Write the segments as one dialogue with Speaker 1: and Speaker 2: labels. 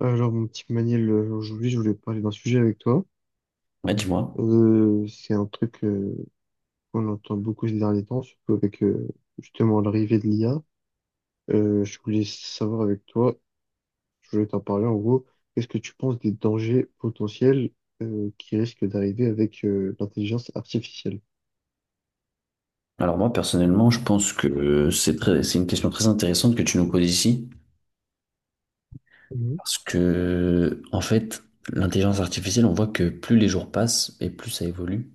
Speaker 1: Alors, mon petit Maniel, aujourd'hui, je voulais parler d'un sujet avec toi.
Speaker 2: Ouais, dis-moi.
Speaker 1: C'est un truc qu'on entend beaucoup ces derniers temps, surtout avec justement l'arrivée de l'IA. Je voulais savoir avec toi, je voulais t'en parler en gros, qu'est-ce que tu penses des dangers potentiels qui risquent d'arriver avec l'intelligence artificielle?
Speaker 2: Alors moi, personnellement, je pense que c'est très, c'est une question très intéressante que tu nous poses ici,
Speaker 1: Mhm.
Speaker 2: parce que, en fait, l'intelligence artificielle, on voit que plus les jours passent et plus ça évolue.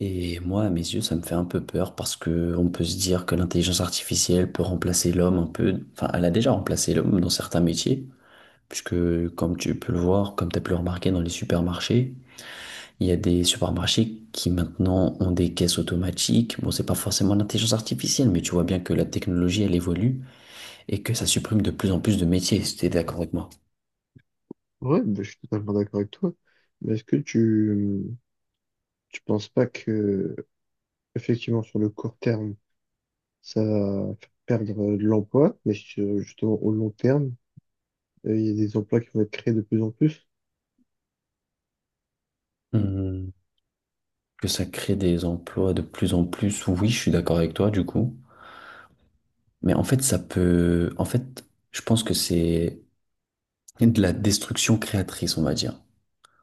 Speaker 2: Et moi, à mes yeux, ça me fait un peu peur parce que on peut se dire que l'intelligence artificielle peut remplacer l'homme un peu. Enfin, elle a déjà remplacé l'homme dans certains métiers, puisque, comme tu peux le voir, comme tu as pu le remarquer dans les supermarchés, il y a des supermarchés qui maintenant ont des caisses automatiques. Bon, c'est pas forcément l'intelligence artificielle, mais tu vois bien que la technologie, elle évolue et que ça supprime de plus en plus de métiers, si t'es d'accord avec moi.
Speaker 1: Ouais, bah, je suis totalement d'accord avec toi. Mais est-ce que tu penses pas que effectivement sur le court terme ça va faire perdre de l'emploi, mais justement au long terme. Il y a des emplois qui vont être créés de plus en plus.
Speaker 2: Hmm, que ça crée des emplois de plus en plus, oui, je suis d'accord avec toi, du coup. Mais en fait, ça peut... En fait, je pense que c'est de la destruction créatrice, on va dire.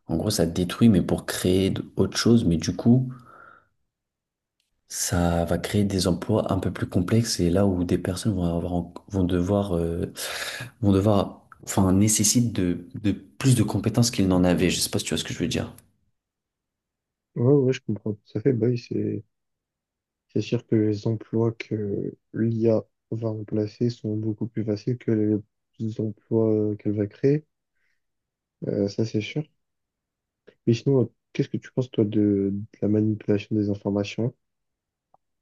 Speaker 2: En gros, ça détruit, mais pour créer autre chose. Mais du coup, ça va créer des emplois un peu plus complexes et là où des personnes vont avoir, en- vont devoir, enfin, nécessitent de plus de compétences qu'ils n'en avaient. Je sais pas si tu vois ce que je veux dire.
Speaker 1: Ouais, ouais, je comprends tout à fait. Bah oui, c'est sûr que les emplois que l'IA va remplacer sont beaucoup plus faciles que les emplois qu'elle va créer. Ça, c'est sûr. Mais sinon, qu'est-ce que tu penses, toi, de la manipulation des informations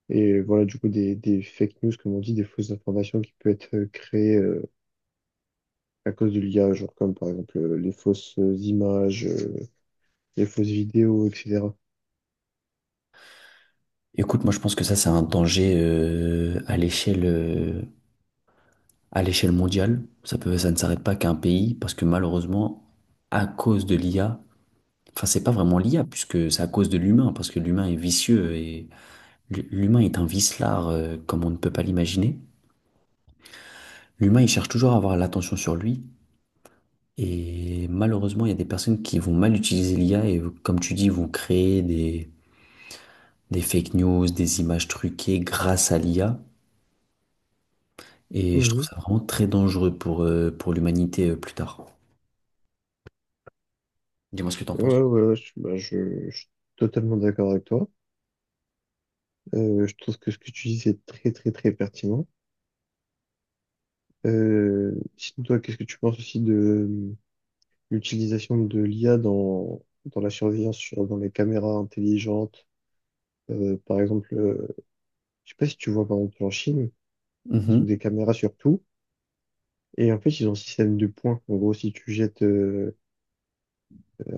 Speaker 1: et voilà, du coup, des fake news, comme on dit, des fausses informations qui peuvent être créées à cause de l'IA, genre comme par exemple les fausses images, les fausses vidéos, etc.
Speaker 2: Écoute, moi je pense que ça c'est un danger à l'échelle mondiale. Ça ne s'arrête pas qu'à un pays parce que malheureusement, à cause de l'IA, enfin c'est pas vraiment l'IA puisque c'est à cause de l'humain parce que l'humain est vicieux et l'humain est un vicelard comme on ne peut pas l'imaginer. L'humain il cherche toujours à avoir l'attention sur lui. Et malheureusement, il y a des personnes qui vont mal utiliser l'IA et, comme tu dis, vont créer des fake news, des images truquées grâce à l'IA. Et je trouve ça vraiment très dangereux pour l'humanité plus tard. Dis-moi ce que tu en
Speaker 1: Ouais,
Speaker 2: penses.
Speaker 1: ouais, ouais, bah, je suis totalement d'accord avec toi. Je trouve que ce que tu dis, c'est très, très, très pertinent. Sinon, toi, qu'est-ce que tu penses aussi de l'utilisation de l'IA dans la surveillance, dans les caméras intelligentes? Par exemple, je sais pas si tu vois, par exemple, en Chine, ils ont des
Speaker 2: Mhm.
Speaker 1: caméras sur tout. Et en fait, ils ont un système de points. En gros, si tu jettes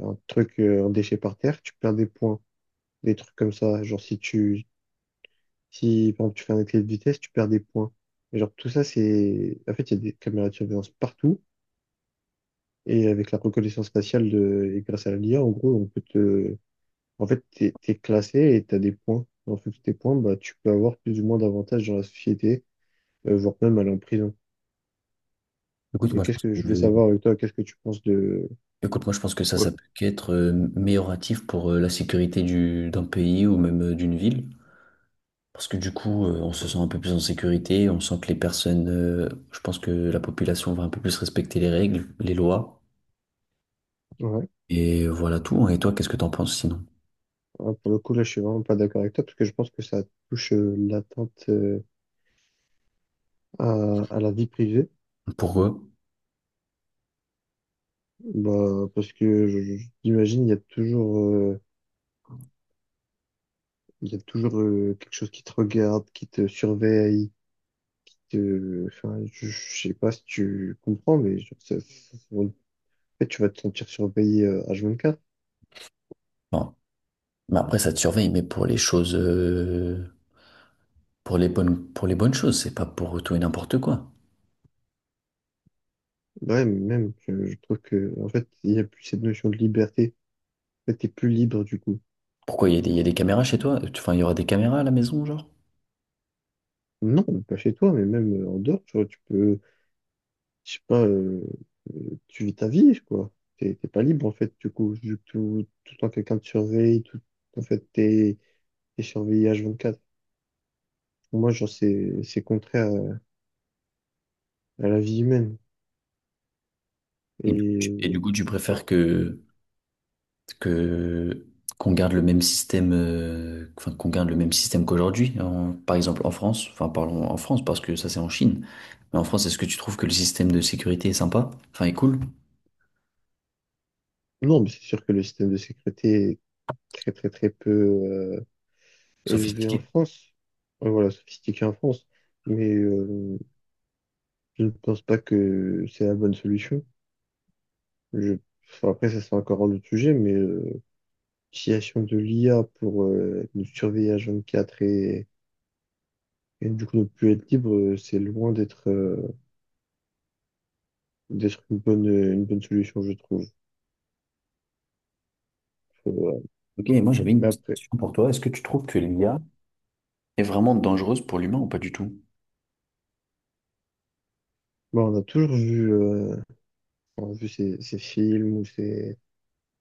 Speaker 1: un truc, un déchet par terre, tu perds des points. Des trucs comme ça. Genre, si, par exemple, tu fais un excès de vitesse, tu perds des points. Et genre, tout ça. En fait, il y a des caméras de surveillance partout. Et avec la reconnaissance faciale et grâce à la l'IA, en gros, on peut te. En fait, t'es classé et t'as des points. En fait, tes points, bah, tu peux avoir plus ou moins d'avantages dans la société, voire même aller en prison.
Speaker 2: Écoute,
Speaker 1: Et
Speaker 2: moi, je
Speaker 1: qu'est-ce
Speaker 2: pense
Speaker 1: que je voulais
Speaker 2: que,
Speaker 1: savoir avec toi, qu'est-ce que tu penses de.
Speaker 2: écoute, moi, je pense que ça,
Speaker 1: Ouais.
Speaker 2: ça peut qu'être amélioratif pour la sécurité d'un pays ou même d'une ville. Parce que du coup, on se sent un peu plus en sécurité, on sent que les personnes, je pense que la population va un peu plus respecter les règles, les lois.
Speaker 1: Ouais.
Speaker 2: Et voilà tout. Et toi, qu'est-ce que t'en penses sinon?
Speaker 1: Ah, pour le coup, là, je suis vraiment pas d'accord avec toi, parce que je pense que ça touche l'atteinte à, à la vie privée.
Speaker 2: Pour eux?
Speaker 1: Bah, parce que j'imagine, il y a toujours quelque chose qui te regarde, qui te surveille. Enfin, je sais pas si tu comprends, mais en fait, tu vas te sentir surveillé H24.
Speaker 2: Bon. Mais après, ça te surveille, mais pour les choses, pour les bonnes choses, c'est pas pour tout et n'importe quoi.
Speaker 1: Ouais, mais même, je trouve que, en fait, il n'y a plus cette notion de liberté. En fait, t'es plus libre du coup.
Speaker 2: Pourquoi il y a des, il y a des caméras chez toi? Enfin, il y aura des caméras à la maison, genre?
Speaker 1: Non, pas chez toi, mais même en dehors, tu vois, tu peux, je sais pas, tu vis ta vie, quoi. T'es pas libre, en fait, du coup, vu que tout le temps quelqu'un te surveille, tout, en fait, t'es surveillé H24. Pour moi, genre, c'est contraire à la vie humaine.
Speaker 2: Et du
Speaker 1: Et
Speaker 2: coup, tu préfères que, qu'on garde le même système, enfin, qu'on garde le même système qu'aujourd'hui, par exemple en France, enfin, parlons en France parce que ça, c'est en Chine. Mais en France, est-ce que tu trouves que le système de sécurité est sympa? Enfin, est cool?
Speaker 1: non, mais c'est sûr que le système de sécurité est très, très, très peu élevé en
Speaker 2: Sophistiqué?
Speaker 1: France, voilà, sophistiqué en France, mais je ne pense pas que c'est la bonne solution. Je... enfin, après, ça, c'est encore un autre sujet, mais l'utilisation de l'IA pour nous surveiller à 24 et du coup ne plus être libre, c'est loin d'être d'être une bonne solution, je trouve. Faut, euh,
Speaker 2: Ok, moi j'avais une
Speaker 1: Mais
Speaker 2: petite
Speaker 1: après,
Speaker 2: question pour toi. Est-ce que tu trouves que l'IA est vraiment dangereuse pour l'humain ou pas du tout?
Speaker 1: bon, on a toujours vu, on a vu ces films ou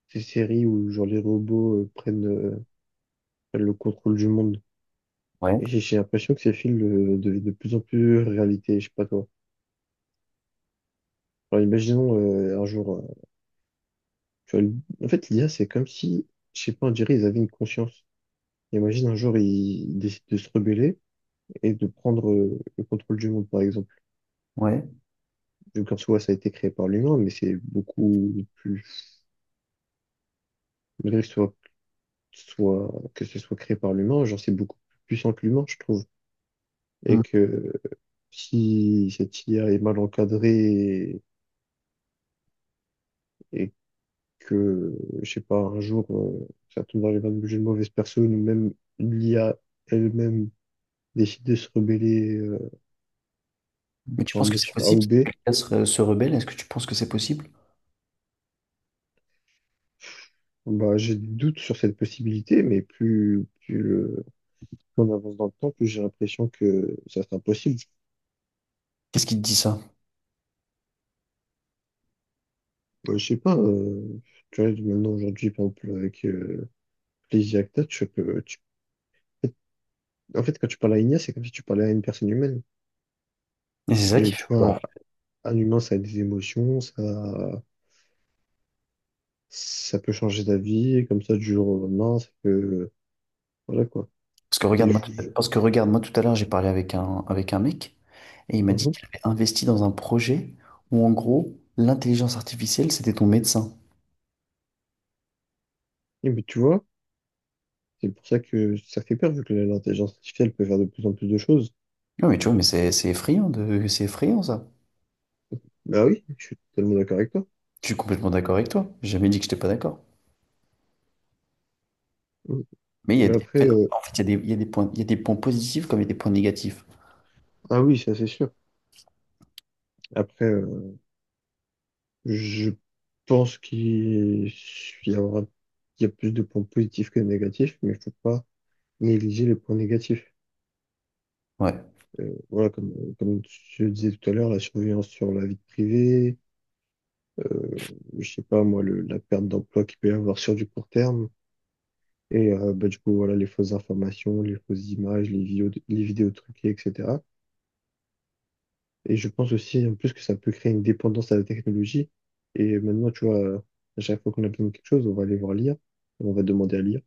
Speaker 1: ces séries où genre les robots prennent le contrôle du monde.
Speaker 2: Ouais,
Speaker 1: Et j'ai l'impression que ces films deviennent de plus en plus réalité, je sais pas toi. Alors imaginons un jour, tu vois, en fait l'IA c'est comme si, je sais pas, on dirait ils avaient une conscience. Imagine un jour ils décident de se rebeller et de prendre le contrôle du monde par exemple.
Speaker 2: ouais.
Speaker 1: Donc en soi ça a été créé par l'humain, mais c'est beaucoup plus, malgré que ce soit créé par l'humain, genre c'est beaucoup plus puissant que l'humain je trouve.
Speaker 2: Hmm.
Speaker 1: Et que si cette IA est mal encadrée et que, je sais pas, un jour, ça tombe dans les mains d'une mauvaise personne ou même l'IA elle-même décide de se rebeller
Speaker 2: Mais tu
Speaker 1: pour un
Speaker 2: penses que c'est
Speaker 1: motif A ou
Speaker 2: possible
Speaker 1: B,
Speaker 2: que se rebelle? Est-ce que tu penses que c'est possible?
Speaker 1: bah, j'ai des doutes sur cette possibilité, mais plus on avance dans le temps, plus j'ai l'impression que ça c'est impossible.
Speaker 2: Qu'est-ce qui te dit ça?
Speaker 1: Bah, je sais pas, tu vois, maintenant aujourd'hui, par exemple, avec les IA que t'as, en fait, quand tu parles à une IA, c'est comme si tu parlais à une personne humaine.
Speaker 2: Et c'est ça
Speaker 1: Et
Speaker 2: qui fait
Speaker 1: tu
Speaker 2: peur.
Speaker 1: vois, un humain, ça a des émotions, ça peut changer d'avis, comme ça, du jour au lendemain, voilà quoi. Et je-
Speaker 2: Parce que regarde-moi tout à l'heure, j'ai parlé avec avec un mec et il m'a dit
Speaker 1: Mhm.
Speaker 2: qu'il avait investi dans un projet où en gros, l'intelligence artificielle, c'était ton médecin.
Speaker 1: Et mais tu vois, c'est pour ça que ça fait peur, vu que l'intelligence artificielle peut faire de plus en plus de choses.
Speaker 2: Non mais tu vois, mais c'est effrayant c'est effrayant ça.
Speaker 1: Bah oui, je suis totalement d'accord avec toi.
Speaker 2: Je suis complètement d'accord avec toi. J'ai jamais dit que j'étais pas d'accord.
Speaker 1: Mhm.
Speaker 2: Mais il y a
Speaker 1: Mais
Speaker 2: des,
Speaker 1: après,
Speaker 2: en fait, il y a des, il y a des points, il y a des points positifs comme il y a des points négatifs.
Speaker 1: ah oui, ça c'est sûr. Après, je pense qu'il y aura, il y a plus de points positifs que de négatifs, mais il faut pas négliger les points négatifs.
Speaker 2: Ouais.
Speaker 1: Voilà, comme je le disais tout à l'heure, la surveillance sur la vie privée, euh, je sais pas moi, la perte d'emploi qu'il peut y avoir sur du court terme, et bah, du coup, voilà, les fausses informations, les fausses images, les vidéos truquées, etc. Et je pense aussi en plus que ça peut créer une dépendance à la technologie. Et maintenant, tu vois, à chaque fois qu'on a besoin de quelque chose, on va aller voir lire, on va demander à lire.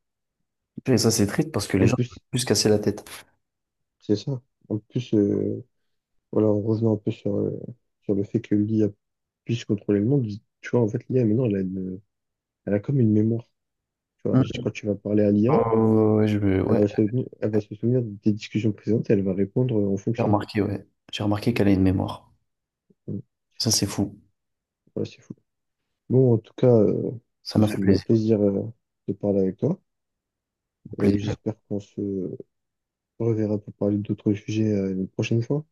Speaker 2: Et ça, c'est triste parce que
Speaker 1: Et
Speaker 2: les
Speaker 1: en
Speaker 2: gens peuvent
Speaker 1: plus,
Speaker 2: plus se casser la tête.
Speaker 1: c'est ça. En plus, voilà, on revenait un peu sur le fait que l'IA puisse contrôler le monde. Tu vois, en fait, l'IA, maintenant, elle a comme une mémoire. Tu vois,
Speaker 2: Hmm.
Speaker 1: quand tu vas parler à l'IA,
Speaker 2: Oh, ouais, je- me-
Speaker 1: elle
Speaker 2: ouais,
Speaker 1: va se, elle va se souvenir des discussions présentes et elle va répondre en fonction.
Speaker 2: ouais. J'ai remarqué qu'elle a une mémoire.
Speaker 1: Donc,
Speaker 2: Ça, c'est fou.
Speaker 1: voilà, c'est fou. Bon, en tout cas,
Speaker 2: Ça
Speaker 1: ce
Speaker 2: m'a fait
Speaker 1: fut un
Speaker 2: plaisir.
Speaker 1: plaisir, de parler avec toi.
Speaker 2: Plaisir.
Speaker 1: J'espère qu'on se reverra pour parler d'autres sujets, une prochaine fois.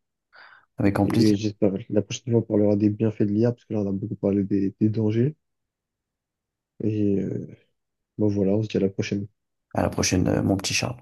Speaker 2: Avec grand
Speaker 1: Et
Speaker 2: plaisir.
Speaker 1: j'espère que la prochaine fois, on parlera des bienfaits de l'IA, parce que là, on a beaucoup parlé des dangers. Et, bon, voilà, on se dit à la prochaine.
Speaker 2: À la prochaine, mon petit Charles.